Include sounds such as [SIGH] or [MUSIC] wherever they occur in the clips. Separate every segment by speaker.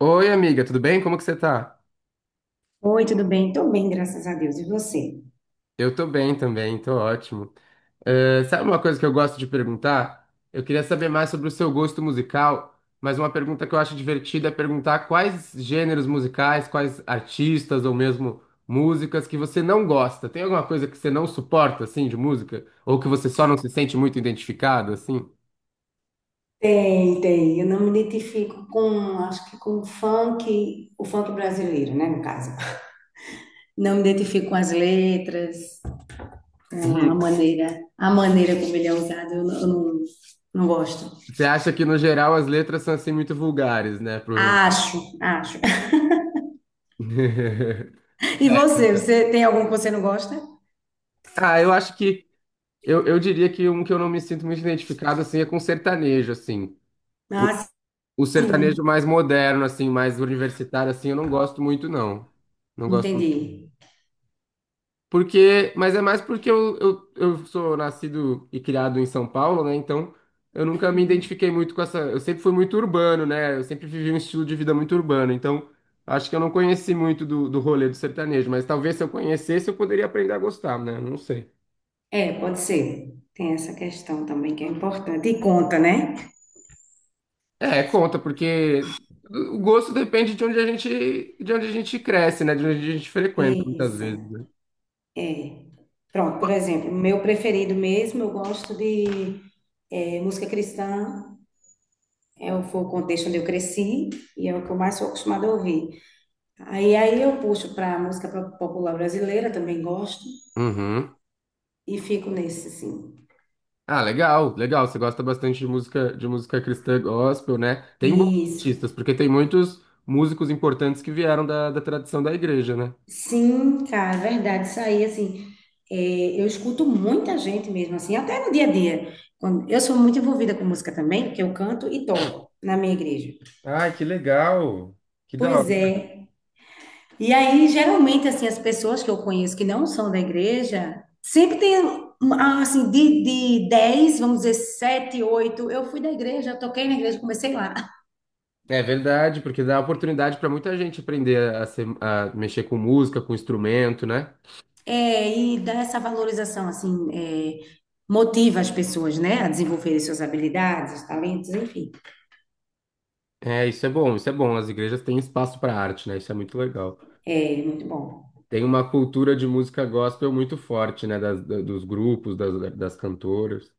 Speaker 1: Oi, amiga, tudo bem? Como que você tá?
Speaker 2: Oi, tudo bem? Tô bem, graças a Deus. E você?
Speaker 1: Eu tô bem também, tô ótimo. Sabe uma coisa que eu gosto de perguntar? Eu queria saber mais sobre o seu gosto musical, mas uma pergunta que eu acho divertida é perguntar quais gêneros musicais, quais artistas ou mesmo músicas que você não gosta. Tem alguma coisa que você não suporta, assim, de música? Ou que você só não se sente muito identificado, assim?
Speaker 2: Tem, tem. Eu não me identifico com, acho que com o funk brasileiro, né, no caso. Não me identifico com as letras, com
Speaker 1: [LAUGHS]
Speaker 2: a maneira como ele é usado, eu não, não gosto.
Speaker 1: Você acha que, no geral, as letras são, assim, muito vulgares, né? Provavelmente.
Speaker 2: Acho, acho.
Speaker 1: [LAUGHS]
Speaker 2: [LAUGHS] E você, você tem algum que você não gosta?
Speaker 1: Ah, eu acho que eu diria que um que eu não me sinto muito identificado, assim, é com sertanejo, assim. O,
Speaker 2: Ah,
Speaker 1: o sertanejo
Speaker 2: sim.
Speaker 1: mais moderno, assim, mais universitário, assim, eu não gosto muito, não. Não gosto
Speaker 2: Entendi.
Speaker 1: muito. Porque, mas é mais porque eu sou nascido e criado em São Paulo, né? Então, eu nunca me identifiquei muito com essa... Eu sempre fui muito urbano, né? Eu sempre vivi um estilo de vida muito urbano. Então, acho que eu não conheci muito do rolê do sertanejo. Mas talvez se eu conhecesse, eu poderia aprender a gostar, né? Não sei.
Speaker 2: É, pode ser. Tem essa questão também que é importante. E conta, né?
Speaker 1: É, conta, porque o gosto depende de onde a gente cresce, né? De onde a gente frequenta, muitas
Speaker 2: Isso.
Speaker 1: vezes, né?
Speaker 2: Pronto, por exemplo, meu preferido mesmo, eu gosto de música cristã, foi o contexto onde eu cresci e é o que eu mais sou acostumada a ouvir. Aí eu puxo para música popular brasileira, também gosto,
Speaker 1: Uhum.
Speaker 2: e fico nesse, assim.
Speaker 1: Ah, legal, legal. Você gosta bastante de música cristã gospel, né? Tem bons
Speaker 2: Isso.
Speaker 1: artistas, porque tem muitos músicos importantes que vieram da tradição da igreja, né?
Speaker 2: Sim, cara, é verdade, isso aí, assim, eu escuto muita gente mesmo, assim, até no dia a dia. Quando, eu sou muito envolvida com música também, porque eu canto e toco na minha igreja.
Speaker 1: Ai, que legal! Que da
Speaker 2: Pois é.
Speaker 1: hora.
Speaker 2: E aí, geralmente, assim, as pessoas que eu conheço que não são da igreja, sempre tem, um, ah, assim, de 10 vamos dizer, 7 8 eu fui da igreja, eu toquei na igreja, comecei lá.
Speaker 1: É verdade, porque dá oportunidade para muita gente aprender a, a mexer com música, com instrumento, né?
Speaker 2: É, e dá essa valorização, assim, é, motiva as pessoas, né, a desenvolverem suas habilidades, talentos, enfim.
Speaker 1: É, isso é bom, isso é bom. As igrejas têm espaço para arte, né? Isso é muito legal.
Speaker 2: É muito bom.
Speaker 1: Tem uma cultura de música gospel muito forte, né? Dos grupos, das cantoras.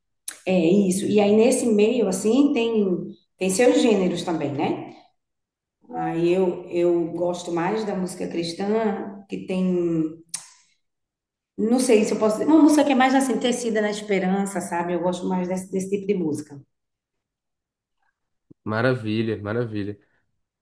Speaker 2: É isso. E aí, nesse meio, assim, tem, tem seus gêneros também, né? Aí eu gosto mais da música cristã, que tem. Não sei se eu posso dizer. Uma música que é mais assim, tecida na esperança, sabe? Eu gosto mais desse, desse tipo de música.
Speaker 1: Maravilha, maravilha.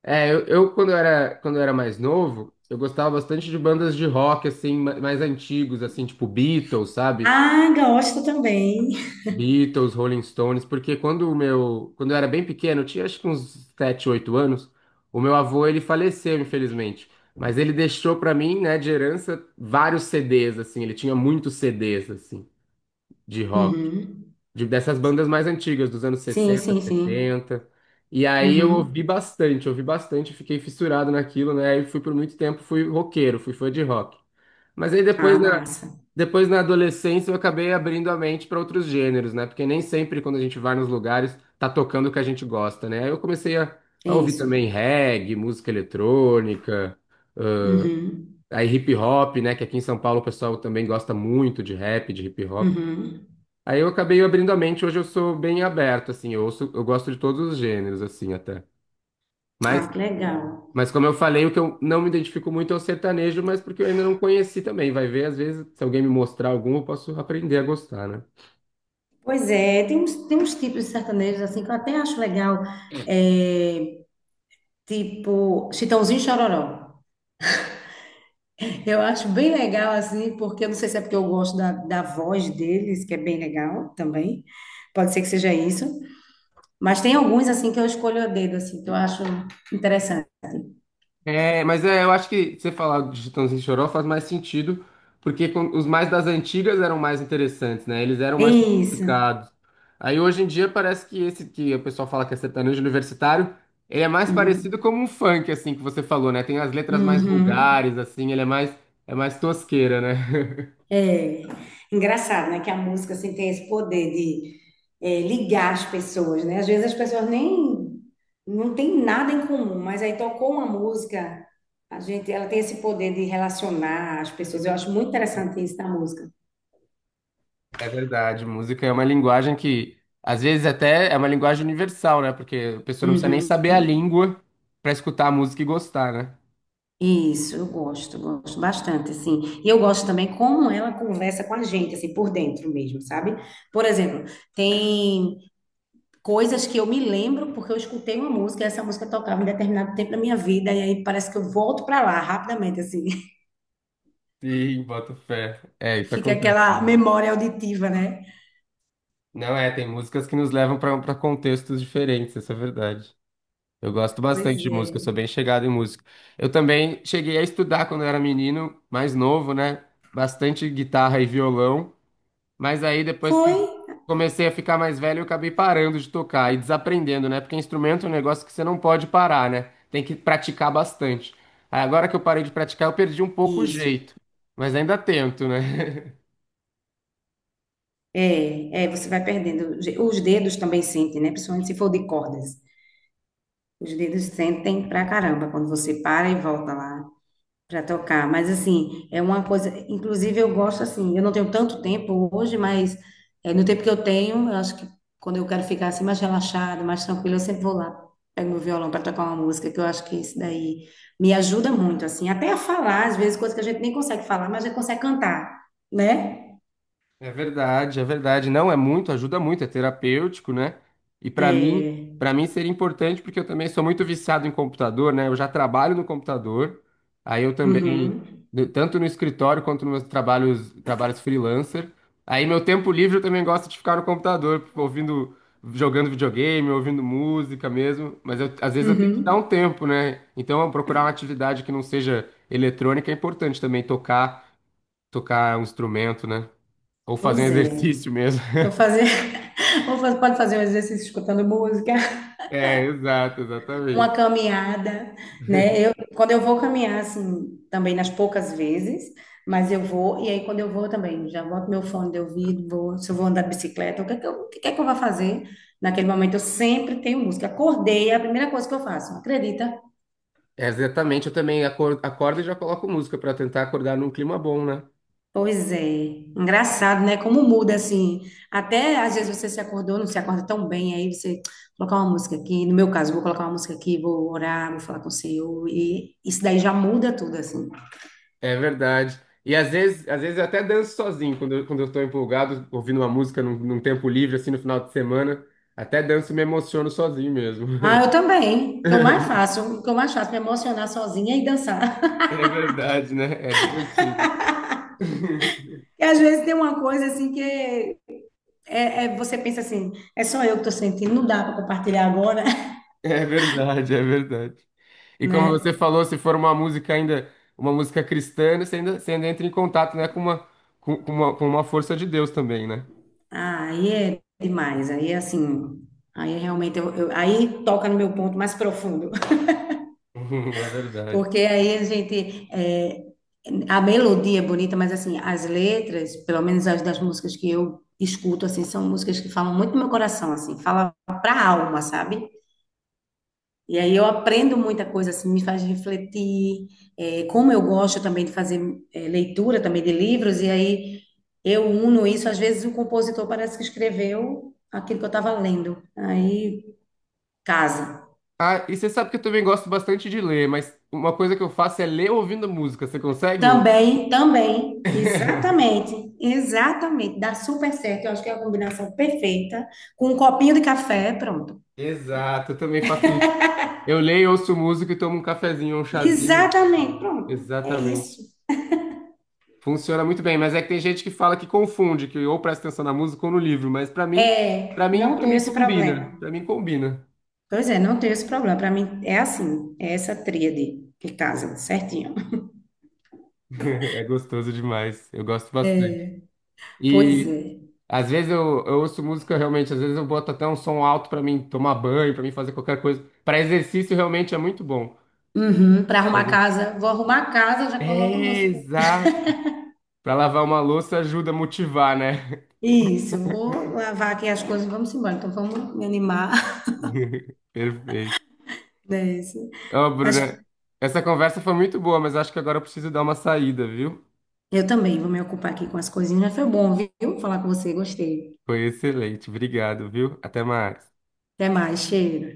Speaker 1: É, eu, quando eu era mais novo, eu gostava bastante de bandas de rock, assim, mais antigos, assim, tipo Beatles, sabe?
Speaker 2: Ah, gosto também.
Speaker 1: Beatles, Rolling Stones, porque quando eu era bem pequeno, eu tinha acho que uns 7 ou 8 anos, o meu avô, ele faleceu, infelizmente. Mas ele deixou pra mim, né, de herança, vários CDs, assim, ele tinha muitos CDs, assim, de rock.
Speaker 2: Uhum.
Speaker 1: Dessas bandas mais antigas, dos anos
Speaker 2: Sim,
Speaker 1: sessenta,
Speaker 2: sim, sim.
Speaker 1: setenta E aí eu
Speaker 2: Uhum.
Speaker 1: ouvi bastante, fiquei fissurado naquilo, né? E fui por muito tempo, fui roqueiro, fui fã de rock. Mas aí
Speaker 2: Ah,
Speaker 1: depois na,
Speaker 2: massa.
Speaker 1: depois na adolescência eu acabei abrindo a mente para outros gêneros, né? Porque nem sempre quando a gente vai nos lugares tá tocando o que a gente gosta, né? Aí eu comecei a ouvir
Speaker 2: Isso.
Speaker 1: também reggae, música eletrônica,
Speaker 2: Uhum.
Speaker 1: aí hip hop, né? Que aqui em São Paulo o pessoal também gosta muito de rap, de hip hop.
Speaker 2: Uhum.
Speaker 1: Aí eu acabei abrindo a mente, hoje eu sou bem aberto, assim, eu ouço, eu gosto de todos os gêneros, assim, até.
Speaker 2: Ah,
Speaker 1: Mas,
Speaker 2: que legal.
Speaker 1: mas como eu falei, o que eu não me identifico muito é o sertanejo, mas porque eu ainda não conheci também. Vai ver, às vezes, se alguém me mostrar algum, eu posso aprender a gostar, né?
Speaker 2: Pois é, tem uns tipos de sertanejos assim que eu até acho legal. É, tipo, Chitãozinho e Chororó. Eu acho bem legal, assim, porque eu não sei se é porque eu gosto da, da voz deles, que é bem legal também. Pode ser que seja isso. Mas tem alguns assim que eu escolho a dedo, assim, que eu acho interessante.
Speaker 1: É, mas é, eu acho que você falar de Chitãozinho e Choró faz mais sentido, porque os mais das antigas eram mais interessantes, né? Eles eram
Speaker 2: É
Speaker 1: mais
Speaker 2: isso.
Speaker 1: sofisticados. Aí hoje em dia parece que esse que o pessoal fala que é sertanejo universitário, ele é mais parecido
Speaker 2: Uhum.
Speaker 1: como um funk, assim, que você falou, né? Tem as letras mais
Speaker 2: Uhum.
Speaker 1: vulgares, assim, é mais tosqueira, né? [LAUGHS]
Speaker 2: É engraçado, né? Que a música assim, tem esse poder de é, ligar as pessoas, né? Às vezes as pessoas nem não tem nada em comum, mas aí tocou uma música, a gente, ela tem esse poder de relacionar as pessoas. Eu acho muito interessante isso da música.
Speaker 1: É verdade, música é uma linguagem que, às vezes, até é uma linguagem universal, né? Porque a pessoa não precisa nem
Speaker 2: Uhum.
Speaker 1: saber a língua para escutar a música e gostar, né?
Speaker 2: Isso, eu gosto, gosto bastante, assim. E eu gosto também como ela conversa com a gente, assim, por dentro mesmo, sabe? Por exemplo, tem coisas que eu me lembro porque eu escutei uma música, e essa música tocava em determinado tempo da minha vida, e aí parece que eu volto pra lá rapidamente, assim.
Speaker 1: Sim, boto fé. É,
Speaker 2: [LAUGHS]
Speaker 1: isso
Speaker 2: Fica
Speaker 1: acontece.
Speaker 2: aquela
Speaker 1: Mesmo.
Speaker 2: memória auditiva, né?
Speaker 1: Não é, tem músicas que nos levam para contextos diferentes, essa é a verdade. Eu gosto
Speaker 2: Pois
Speaker 1: bastante de música, eu sou
Speaker 2: é.
Speaker 1: bem chegado em música. Eu também cheguei a estudar quando eu era menino, mais novo, né? Bastante guitarra e violão, mas aí depois que
Speaker 2: Foi
Speaker 1: eu comecei a ficar mais velho, eu acabei parando de tocar e desaprendendo, né? Porque instrumento é um negócio que você não pode parar, né? Tem que praticar bastante. Aí agora que eu parei de praticar, eu perdi um pouco o
Speaker 2: isso.
Speaker 1: jeito, mas ainda tento, né? [LAUGHS]
Speaker 2: É, é, você vai perdendo. Os dedos também sentem, né? Principalmente se for de cordas. Os dedos sentem pra caramba quando você para e volta lá para tocar, mas assim, é uma coisa, inclusive eu gosto assim, eu não tenho tanto tempo hoje, mas é, no tempo que eu tenho, eu acho que quando eu quero ficar assim mais relaxada, mais tranquila, eu sempre vou lá, pego meu violão para tocar uma música, que eu acho que isso daí me ajuda muito, assim, até a falar, às vezes coisas que a gente nem consegue falar, mas a gente consegue cantar, né?
Speaker 1: É verdade, é verdade. Não, é muito, ajuda muito, é terapêutico, né? E para mim,
Speaker 2: É,
Speaker 1: para mim seria importante porque eu também sou muito viciado em computador, né? Eu já trabalho no computador. Aí eu também,
Speaker 2: uhum,
Speaker 1: tanto no escritório quanto nos meus trabalhos, trabalhos freelancer. Aí meu tempo livre eu também gosto de ficar no computador, ouvindo, jogando videogame, ouvindo música mesmo, mas às vezes eu tenho que dar um
Speaker 2: uhum,
Speaker 1: tempo, né? Então, eu procurar uma atividade que não seja eletrônica é importante também tocar, tocar um instrumento, né? Ou fazer um
Speaker 2: pois é,
Speaker 1: exercício mesmo.
Speaker 2: eu vou
Speaker 1: [LAUGHS]
Speaker 2: fazer, [LAUGHS] pode fazer um exercício escutando música.
Speaker 1: É, exato,
Speaker 2: Uma
Speaker 1: exatamente.
Speaker 2: caminhada, né? Eu, quando eu vou caminhar, assim, também nas poucas vezes, mas eu vou, e aí quando eu vou também, já boto meu fone de ouvido, vou, se eu vou andar de bicicleta, o que é que eu vou fazer? Naquele momento eu sempre tenho música. Acordei, é a primeira coisa que eu faço, acredita?
Speaker 1: É, exatamente, eu também acordo e já coloco música para tentar acordar num clima bom, né?
Speaker 2: Pois é, engraçado, né? Como muda assim. Até às vezes você se acordou, não se acorda tão bem, aí você [TSK] "Vou colocar uma música aqui. No meu caso, vou colocar uma música aqui, vou orar, vou falar com o Senhor, e isso daí já muda tudo, assim.
Speaker 1: É verdade. E às vezes eu até danço sozinho, quando quando eu tô empolgado, ouvindo uma música num tempo livre, assim, no final de semana. Até danço e me emociono sozinho mesmo.
Speaker 2: Ah, eu também.
Speaker 1: [LAUGHS]
Speaker 2: O que eu mais faço, me emocionar sozinha e dançar. [LAUGHS]
Speaker 1: É verdade, né? É divertido. [LAUGHS]
Speaker 2: E às vezes tem uma coisa assim que é, é- você pensa assim, é só eu que tô sentindo, não dá para compartilhar agora, [LAUGHS]
Speaker 1: É verdade, é verdade. E como você
Speaker 2: né?
Speaker 1: falou, se for uma música ainda, uma música cristã, você ainda entra em contato, né, com uma força de Deus também, né?
Speaker 2: Ah, aí é demais, aí é assim, aí é realmente eu- aí toca no meu ponto mais profundo,
Speaker 1: [LAUGHS] É
Speaker 2: [LAUGHS]
Speaker 1: verdade.
Speaker 2: porque aí a gente é, a melodia é bonita, mas assim, as letras, pelo menos as das músicas que eu escuto assim, são músicas que falam muito do meu coração assim, fala pra alma, sabe? E aí eu aprendo muita coisa, assim, me faz refletir. É, como eu gosto também de fazer é, leitura também de livros, e aí eu uno isso. Às vezes o compositor parece que escreveu aquilo que eu estava lendo. Aí casa.
Speaker 1: Ah, e você sabe que eu também gosto bastante de ler, mas uma coisa que eu faço é ler ouvindo música. Você consegue?
Speaker 2: Também, também,
Speaker 1: [LAUGHS]
Speaker 2: exatamente, exatamente. Dá super certo. Eu acho que é a combinação perfeita. Com um copinho de café, pronto.
Speaker 1: Exato, eu também faço isso. Eu leio, ouço música e tomo um cafezinho, um chazinho.
Speaker 2: Exatamente, pronto. É
Speaker 1: Exatamente.
Speaker 2: isso.
Speaker 1: Funciona muito bem, mas é que tem gente que fala que confunde, que ou presta atenção na música ou no livro, mas pra mim, para
Speaker 2: É,
Speaker 1: mim,
Speaker 2: não
Speaker 1: para
Speaker 2: tenho
Speaker 1: mim
Speaker 2: esse
Speaker 1: combina.
Speaker 2: problema.
Speaker 1: Pra mim combina.
Speaker 2: Pois é, não tem esse problema. Para mim é assim, é essa tríade que casa certinho.
Speaker 1: É gostoso demais. Eu gosto bastante.
Speaker 2: Pois
Speaker 1: E
Speaker 2: é.
Speaker 1: às vezes eu ouço música realmente, às vezes eu boto até um som alto pra mim tomar banho, pra mim fazer qualquer coisa. Pra exercício realmente é muito bom.
Speaker 2: Uhum, para arrumar a
Speaker 1: Ex-
Speaker 2: casa, vou arrumar a casa, já coloco
Speaker 1: É,
Speaker 2: música.
Speaker 1: exato. Pra lavar uma louça ajuda a motivar, né?
Speaker 2: Isso, vou lavar aqui as coisas, vamos embora. Então vamos me animar
Speaker 1: [LAUGHS] Perfeito.
Speaker 2: [LAUGHS] dessa.
Speaker 1: Ô,
Speaker 2: Mas
Speaker 1: Bruna, essa conversa foi muito boa, mas acho que agora eu preciso dar uma saída, viu?
Speaker 2: eu também vou me ocupar aqui com as coisinhas. Mas foi bom, viu? Falar com você, gostei.
Speaker 1: Foi excelente. Obrigado, viu? Até mais.
Speaker 2: Até mais, cheiro.